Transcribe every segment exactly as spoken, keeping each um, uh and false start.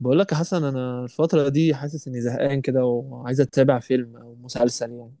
بقول لك يا حسن، انا الفتره دي حاسس اني زهقان كده وعايز اتابع فيلم او مسلسل يعني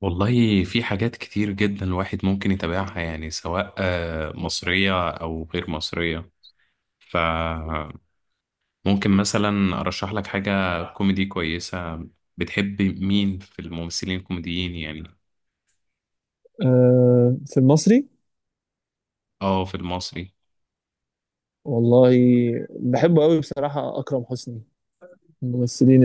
والله في حاجات كتير جدا الواحد ممكن يتابعها يعني سواء آه، مصرية أو غير مصرية. فممكن مثلا أرشح لك حاجة كوميدي كويسة. بتحب مين في الممثلين الكوميديين يعني؟ أه في المصري اه، في المصري. والله. بحبه قوي بصراحه، اكرم حسني من الممثلين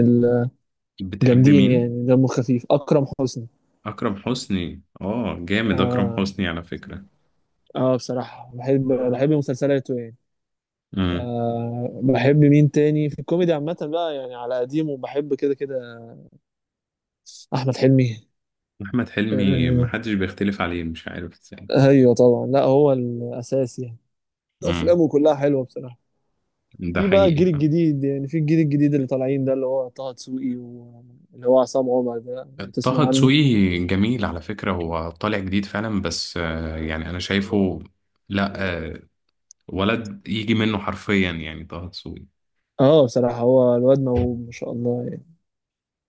بتحب الجامدين، مين؟ يعني دمه خفيف اكرم حسني. أكرم حسني، اه جامد. أكرم اه, حسني على فكرة. آه بصراحه بحب بحب مسلسلاته يعني. امم. أه، بحب مين تاني في الكوميدي عامه بقى؟ يعني على قديمه بحب كده كده احمد حلمي. أحمد حلمي أه، محدش بيختلف عليه، مش عارف ازاي. ايوه طبعا، لا هو الاساس يعني. امم. افلامه كلها حلوه بصراحه. ده في بقى حقيقي. الجيل الجديد، يعني في الجيل الجديد اللي طالعين ده، اللي هو طه دسوقي واللي هو عصام عمر ده طه وتسمع عنه. دسوقي جميل على فكرة، هو طالع جديد فعلا بس آه، يعني أنا شايفه. لا. آه، ولد يجي منه حرفيا يعني طه دسوقي. اه بصراحة هو الواد موهوب ما شاء الله يعني.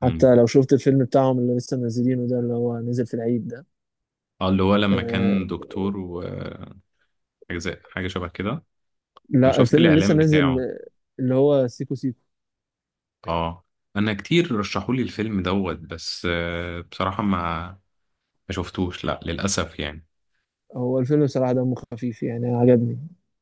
مم. حتى لو شفت الفيلم بتاعهم اللي لسه منزلينه ده، اللي هو نزل في العيد ده. اه، اللي هو لما آه، كان دكتور وحاجة، زي حاجة شبه كده. أنا لا شفت الفيلم اللي لسه الإعلان نازل، بتاعه. آه، اللي هو سيكو سيكو. اه، أنا كتير رشحولي الفيلم دوت بس آه، بصراحة ما ما شفتوش، لا للأسف يعني. هو الفيلم بصراحة دمه خفيف يعني، عجبني.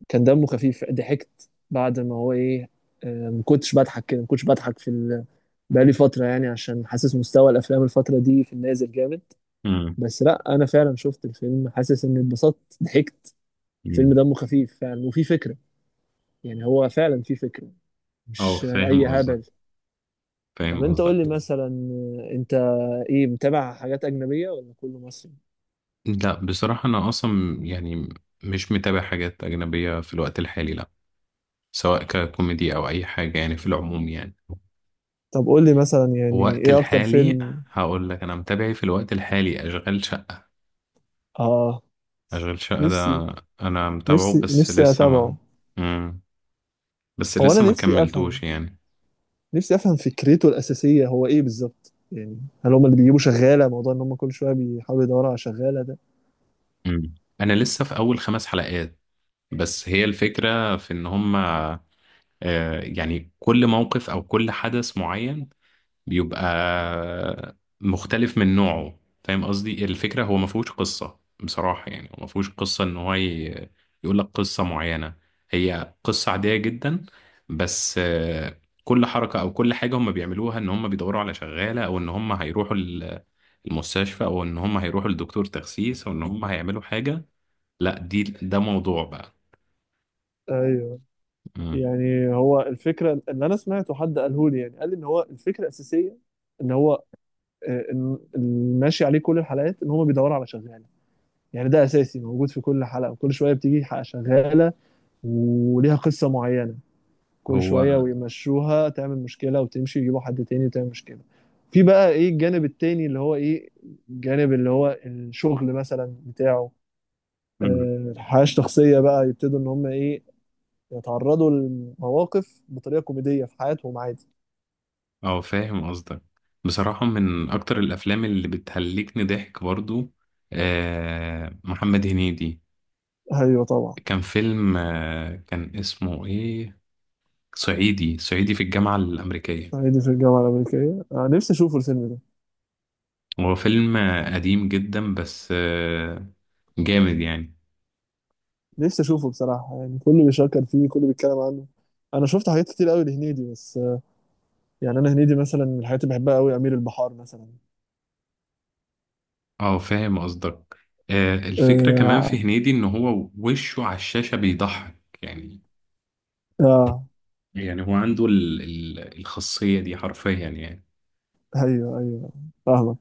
كان دمه خفيف، ضحكت بعد ما هو ايه، آه. ما كنتش بضحك كده، ما كنتش بضحك في ال... بقالي فترة يعني، عشان حاسس مستوى الأفلام الفترة دي في النازل جامد. مم. بس لا انا فعلا شفت الفيلم حاسس اني اتبسطت، ضحكت. الفيلم مم. دمه خفيف فعلا وفي فكره، يعني هو فعلا في فكره، اه، مش فاهم اي قصدك. هبل. طب فاهم انت قول قصدك. لي مثلا، انت ايه، متابع حاجات اجنبيه ولا كله مصري؟ لا بصراحة، أنا أصلا يعني مش متابع حاجات أجنبية في الوقت الحالي، لا، سواء ككوميدي أو أي حاجة يعني، في العموم يعني. طب قول لي مثلا، يعني الوقت ايه اكتر الحالي فيلم؟ هقول لك، أنا متابعي في الوقت الحالي أشغال شقة. اه، أشغال شقة نفسي ده أنا متابعه نفسي بس نفسي لسه ما... اتابعه. مم. بس هو انا لسه ما نفسي افهم، كملتوش يعني. نفسي افهم فكرته الاساسيه هو ايه بالظبط، يعني هل هم اللي بيجيبوا شغاله، موضوع ان هم كل شويه بيحاولوا يدوروا على شغاله ده؟ مم. أنا لسه في أول خمس حلقات، بس هي الفكرة في إن هما آه، يعني كل موقف أو كل حدث معين بيبقى مختلف من نوعه. فاهم قصدي، الفكرة هو ما فيهوش قصة بصراحة، يعني هو ما فيهوش قصة ان هو ي- يقول لك قصة معينة. هي قصة عادية جدا بس آه، كل حركة او كل حاجة هم بيعملوها، ان هم بيدوروا على شغالة، او ان هم هيروحوا ال- المستشفى، او ان هم هيروحوا لدكتور تخسيس، او ان هم هيعملوا حاجة، لا، دي ده موضوع بقى. ايوه. مم. يعني هو الفكرة اللي أنا سمعته حد قاله لي، يعني قال لي إن هو الفكرة الأساسية إن هو، آه، إن- اللي ماشي عليه كل الحلقات إن هم بيدوروا على شغالة. يعني ده أساسي موجود في كل حلقة، وكل شوية بتيجي حلقة شغالة وليها قصة معينة، كل هو. شوية ويمشوها، تعمل مشكلة وتمشي، يجيبوا حد تاني وتعمل مشكلة. في بقى إيه الجانب التاني اللي هو إيه، الجانب اللي هو الشغل مثلا بتاعه، مم. آه، الحياة الشخصية بقى. يبتدوا إن هم إيه، يتعرضوا لمواقف بطريقة كوميدية في حياتهم عادي. اه، فاهم قصدك. بصراحة من أكتر الأفلام اللي بتهلكني ضحك برضو، آه محمد هنيدي. ايوه طبعا. كان فيلم، آه كان اسمه إيه، صعيدي صعيدي في الجامعة الأمريكية. صعيدي في الجامعه الامريكيه، انا نفسي اشوفه الفيلم ده. هو فيلم آه، قديم جدا بس آه جامد يعني. نفسي اشوفه بصراحه يعني، كله بيشكر فيه، كله بيتكلم عنه. انا شفت حاجات كتير قوي لهنيدي بس آه، يعني انا هنيدي مثلا من الحاجات اللي بحبها قوي امير البحار مثلا. اه، فاهم قصدك. آه الفكرة كمان في اه, هنيدي إن هو وشه على الشاشة بيضحك يعني. آه يعني هو عنده ال- ال- الخاصية دي حرفيا يعني. ايوه ايوه، فاهمك.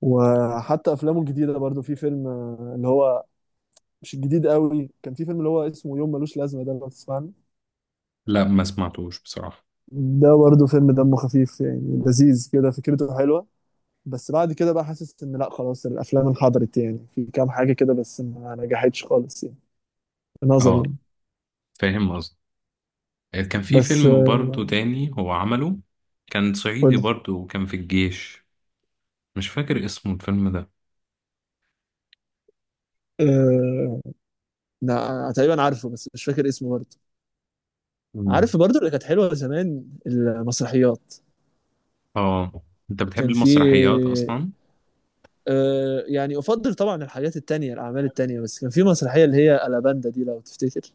وحتى افلامه الجديده برضو في فيلم، آه، اللي هو مش الجديد قوي، كان في فيلم اللي هو اسمه يوم ملوش لازمه ده، لو تسمعني. لا، ما سمعتوش بصراحة. ده برضو فيلم دمه خفيف يعني، لذيذ كده، فكرته حلوه. بس بعد كده بقى حاسس ان لا خلاص الافلام انحدرت، يعني في كام حاجه كده بس ما نجحتش خالص يعني، في نظري اه، يعني. فاهم قصدي. آه، كان في بس فيلم برضو تاني هو عمله، كان قول صعيدي لي. برضو وكان في الجيش، مش فاكر اسمه الفيلم ده. أه... لا تقريبا عارفه بس مش فاكر اسمه برضه. مم. عارف برضه اللي كانت حلوه زمان المسرحيات؟ اه، انت بتحب كان في، المسرحيات اصلا؟ أه... يعني افضل طبعا الحاجات التانية الاعمال التانية، بس كان في مسرحيه اللي هي الاباندا دي لو تفتكر،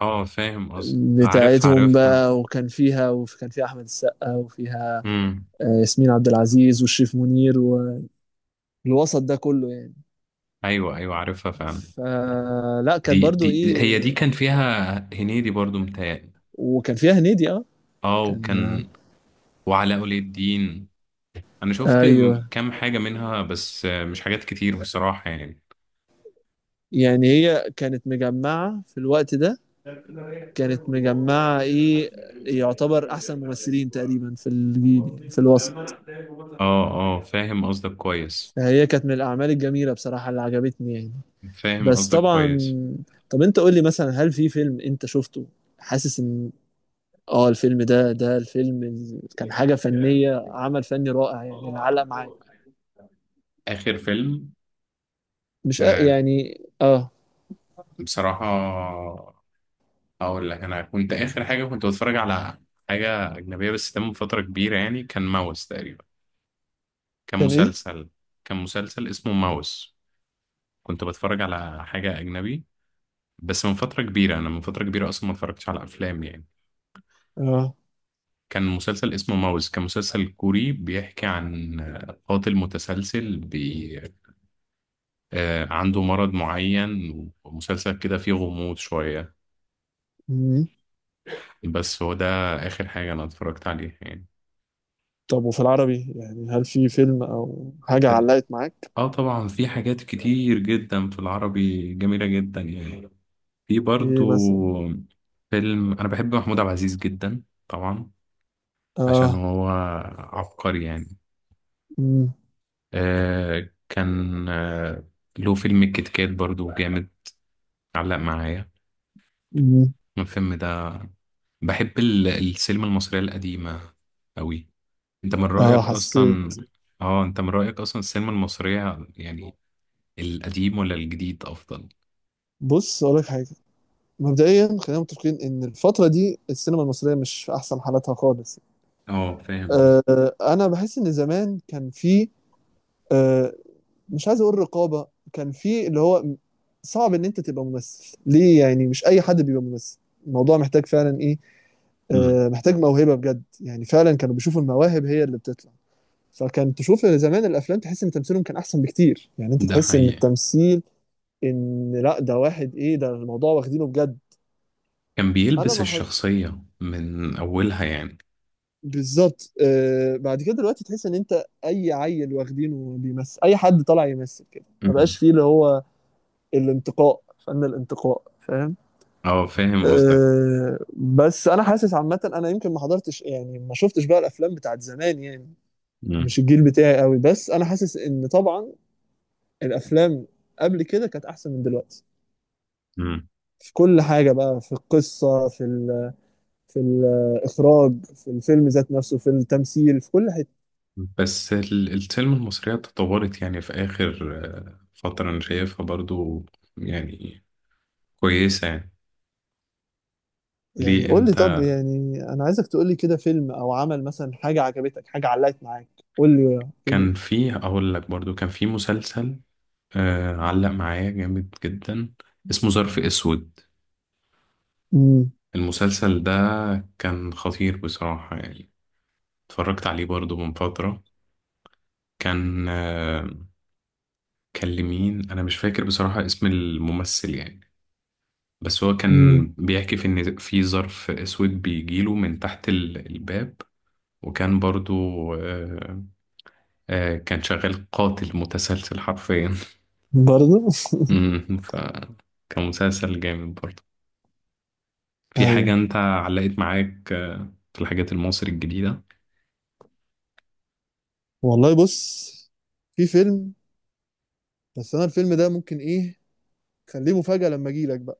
اه، فاهم قصدي، عارفها، بتاعتهم عارفها. بقى، وكان فيها وكان فيها احمد السقا وفيها، امم. آه، ياسمين عبد العزيز وشريف منير و... الوسط ده كله يعني. ايوه، ايوه، عارفها فعلا. فلا، كانت دي برضو دي ايه، هي دي كان فيها هنيدي برضو متهيألي. وكان فيها هنيدي اه، اه، كان وكان وعلاء ولي الدين. انا شفت ايوه. كام حاجة منها بس مش حاجات كتير بصراحة يعني. يعني هي كانت مجمعة في الوقت ده، كانت مجمعة ايه، يعتبر احسن ممثلين تقريبا في الجيل يعني في الوسط. اه، اه، فاهم قصدك كويس، فهي كانت من الاعمال الجميلة بصراحة اللي عجبتني يعني. فاهم بس قصدك طبعا، كويس. طب انت قول لي مثلا، هل في فيلم انت شفته حاسس ان اه الفيلم ده، ده الفيلم ال- كان حاجة فنية، عمل فني رائع يعني، اللي علق معاك؟ آخر فيلم. مش أ- آه يعني اه، بصراحة أقول لك، أنا كنت آخر حاجة كنت بتفرج على حاجة أجنبية، بس ده من فترة كبيرة يعني، كان ماوس تقريبا. كان كان ايه؟ مسلسل كان مسلسل اسمه ماوس. كنت بتفرج على حاجة أجنبي بس من فترة كبيرة، أنا من فترة كبيرة أصلا ما اتفرجتش على أفلام يعني. اه. كان مسلسل اسمه ماوس، كان مسلسل كوري بيحكي عن آه، قاتل متسلسل، آه، عنده مرض معين، ومسلسل كده فيه غموض شوية. مم. بس هو ده آخر حاجة أنا اتفرجت عليها يعني. طب وفي العربي يعني، هل في فيلم او حاجة ال- علقت معاك؟ اه، طبعا في حاجات كتير جدا في العربي جميلة جدا يعني، في برضو ايه مثلا؟ فيلم. أنا بحب محمود عبد العزيز جدا طبعا، عشان اه. هو عبقري يعني. مم. آه كان آه له فيلم الكيت كات برضو جامد، علق معايا مم. الفيلم ده. بحب ال- السينما المصرية القديمة أوي. انت من اه رأيك حسيت. اصلا، اه انت من رأيك اصلا السينما المصرية يعني، القديم ولا الجديد افضل؟ بص اقول لك حاجة، مبدئيا خلينا متفقين ان الفترة دي السينما المصرية مش في احسن حالاتها خالص. اه، فاهم قصدي. آه انا بحس ان زمان كان في، آه، مش عايز اقول رقابة. كان في اللي هو صعب ان انت تبقى ممثل ليه، يعني مش اي حد بيبقى ممثل، الموضوع محتاج فعلا ايه، امم. آه، محتاج موهبه بجد يعني، فعلا كانوا بيشوفوا المواهب هي اللي بتطلع. فكان تشوف زمان الافلام تحس ان تمثيلهم كان احسن بكتير، يعني انت ده تحس ان حقيقة. التمثيل، ان لا ده واحد ايه، ده الموضوع واخدينه بجد. كان انا بيلبس ما ح- الشخصية من اولها يعني. بالظبط. آه، بعد كده دلوقتي تحس ان انت اي عيل واخدينه بيمثل، اي حد طالع يمثل كده، ما امم. بقاش فيه اللي هو الانتقاء، فن الانتقاء، فاهم؟ اه، فاهم قصدك. آه بس انا حاسس عامه انا يمكن ما حضرتش يعني، ما شفتش بقى الافلام بتاعت زمان يعني، امم. مش الجيل بتاعي قوي. بس انا حاسس ان طبعا الافلام قبل كده كانت احسن من دلوقتي، امم. في كل حاجه بقى، في القصه، في ال، في الاخراج، في الفيلم ذات نفسه، في التمثيل، في كل حته. بس ال- السينما المصرية تطورت يعني، في اخر آه، فترة انا شايفها برضو يعني كويسة يعني. يعني ليه قول لي، طب انت؟ يعني انا عايزك تقول لي كده فيلم او عمل مثلا، حاجه عجبتك، حاجه علقت معاك. قول لي كده. كان فيه، اقول لك برضو، كان فيه مسلسل آه علق معايا جامد جدا، اسمه ظرف اسود. امم، المسلسل ده كان خطير بصراحة يعني، اتفرجت عليه برضو من فترة. كان آه كان لمين انا مش فاكر بصراحة اسم الممثل يعني. بس هو امم، كان بيحكي في ان في ظرف اسود بيجيله من تحت ال- الباب. وكان برضو آه آه كان شغال قاتل متسلسل حرفيا. برضه. مم، فكان مسلسل جامد برضو. في حاجة ايوه أنت علقت معاك آه، في الحاجات المصري الجديدة؟ والله. بص، في فيلم، بس انا الفيلم ده ممكن ايه، خليه مفاجأة لما اجي لك.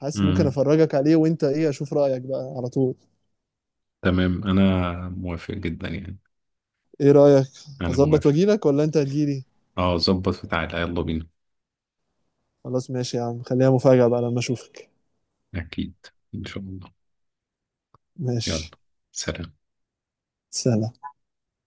حاسس ممكن امم. افرجك عليه وانت ايه، اشوف رايك بقى على طول. تمام، أنا موافق جدا يعني، ايه رايك؟ أنا اظبط موافق. واجيلك ولا انت هتجيلي؟ أه، ظبط بتاعتها، يلا بينا. خلاص ماشي يا عم، خليها مفاجاه بقى لما اشوفك. أكيد، إن شاء الله. يلا، ماشي. سلام. سلام.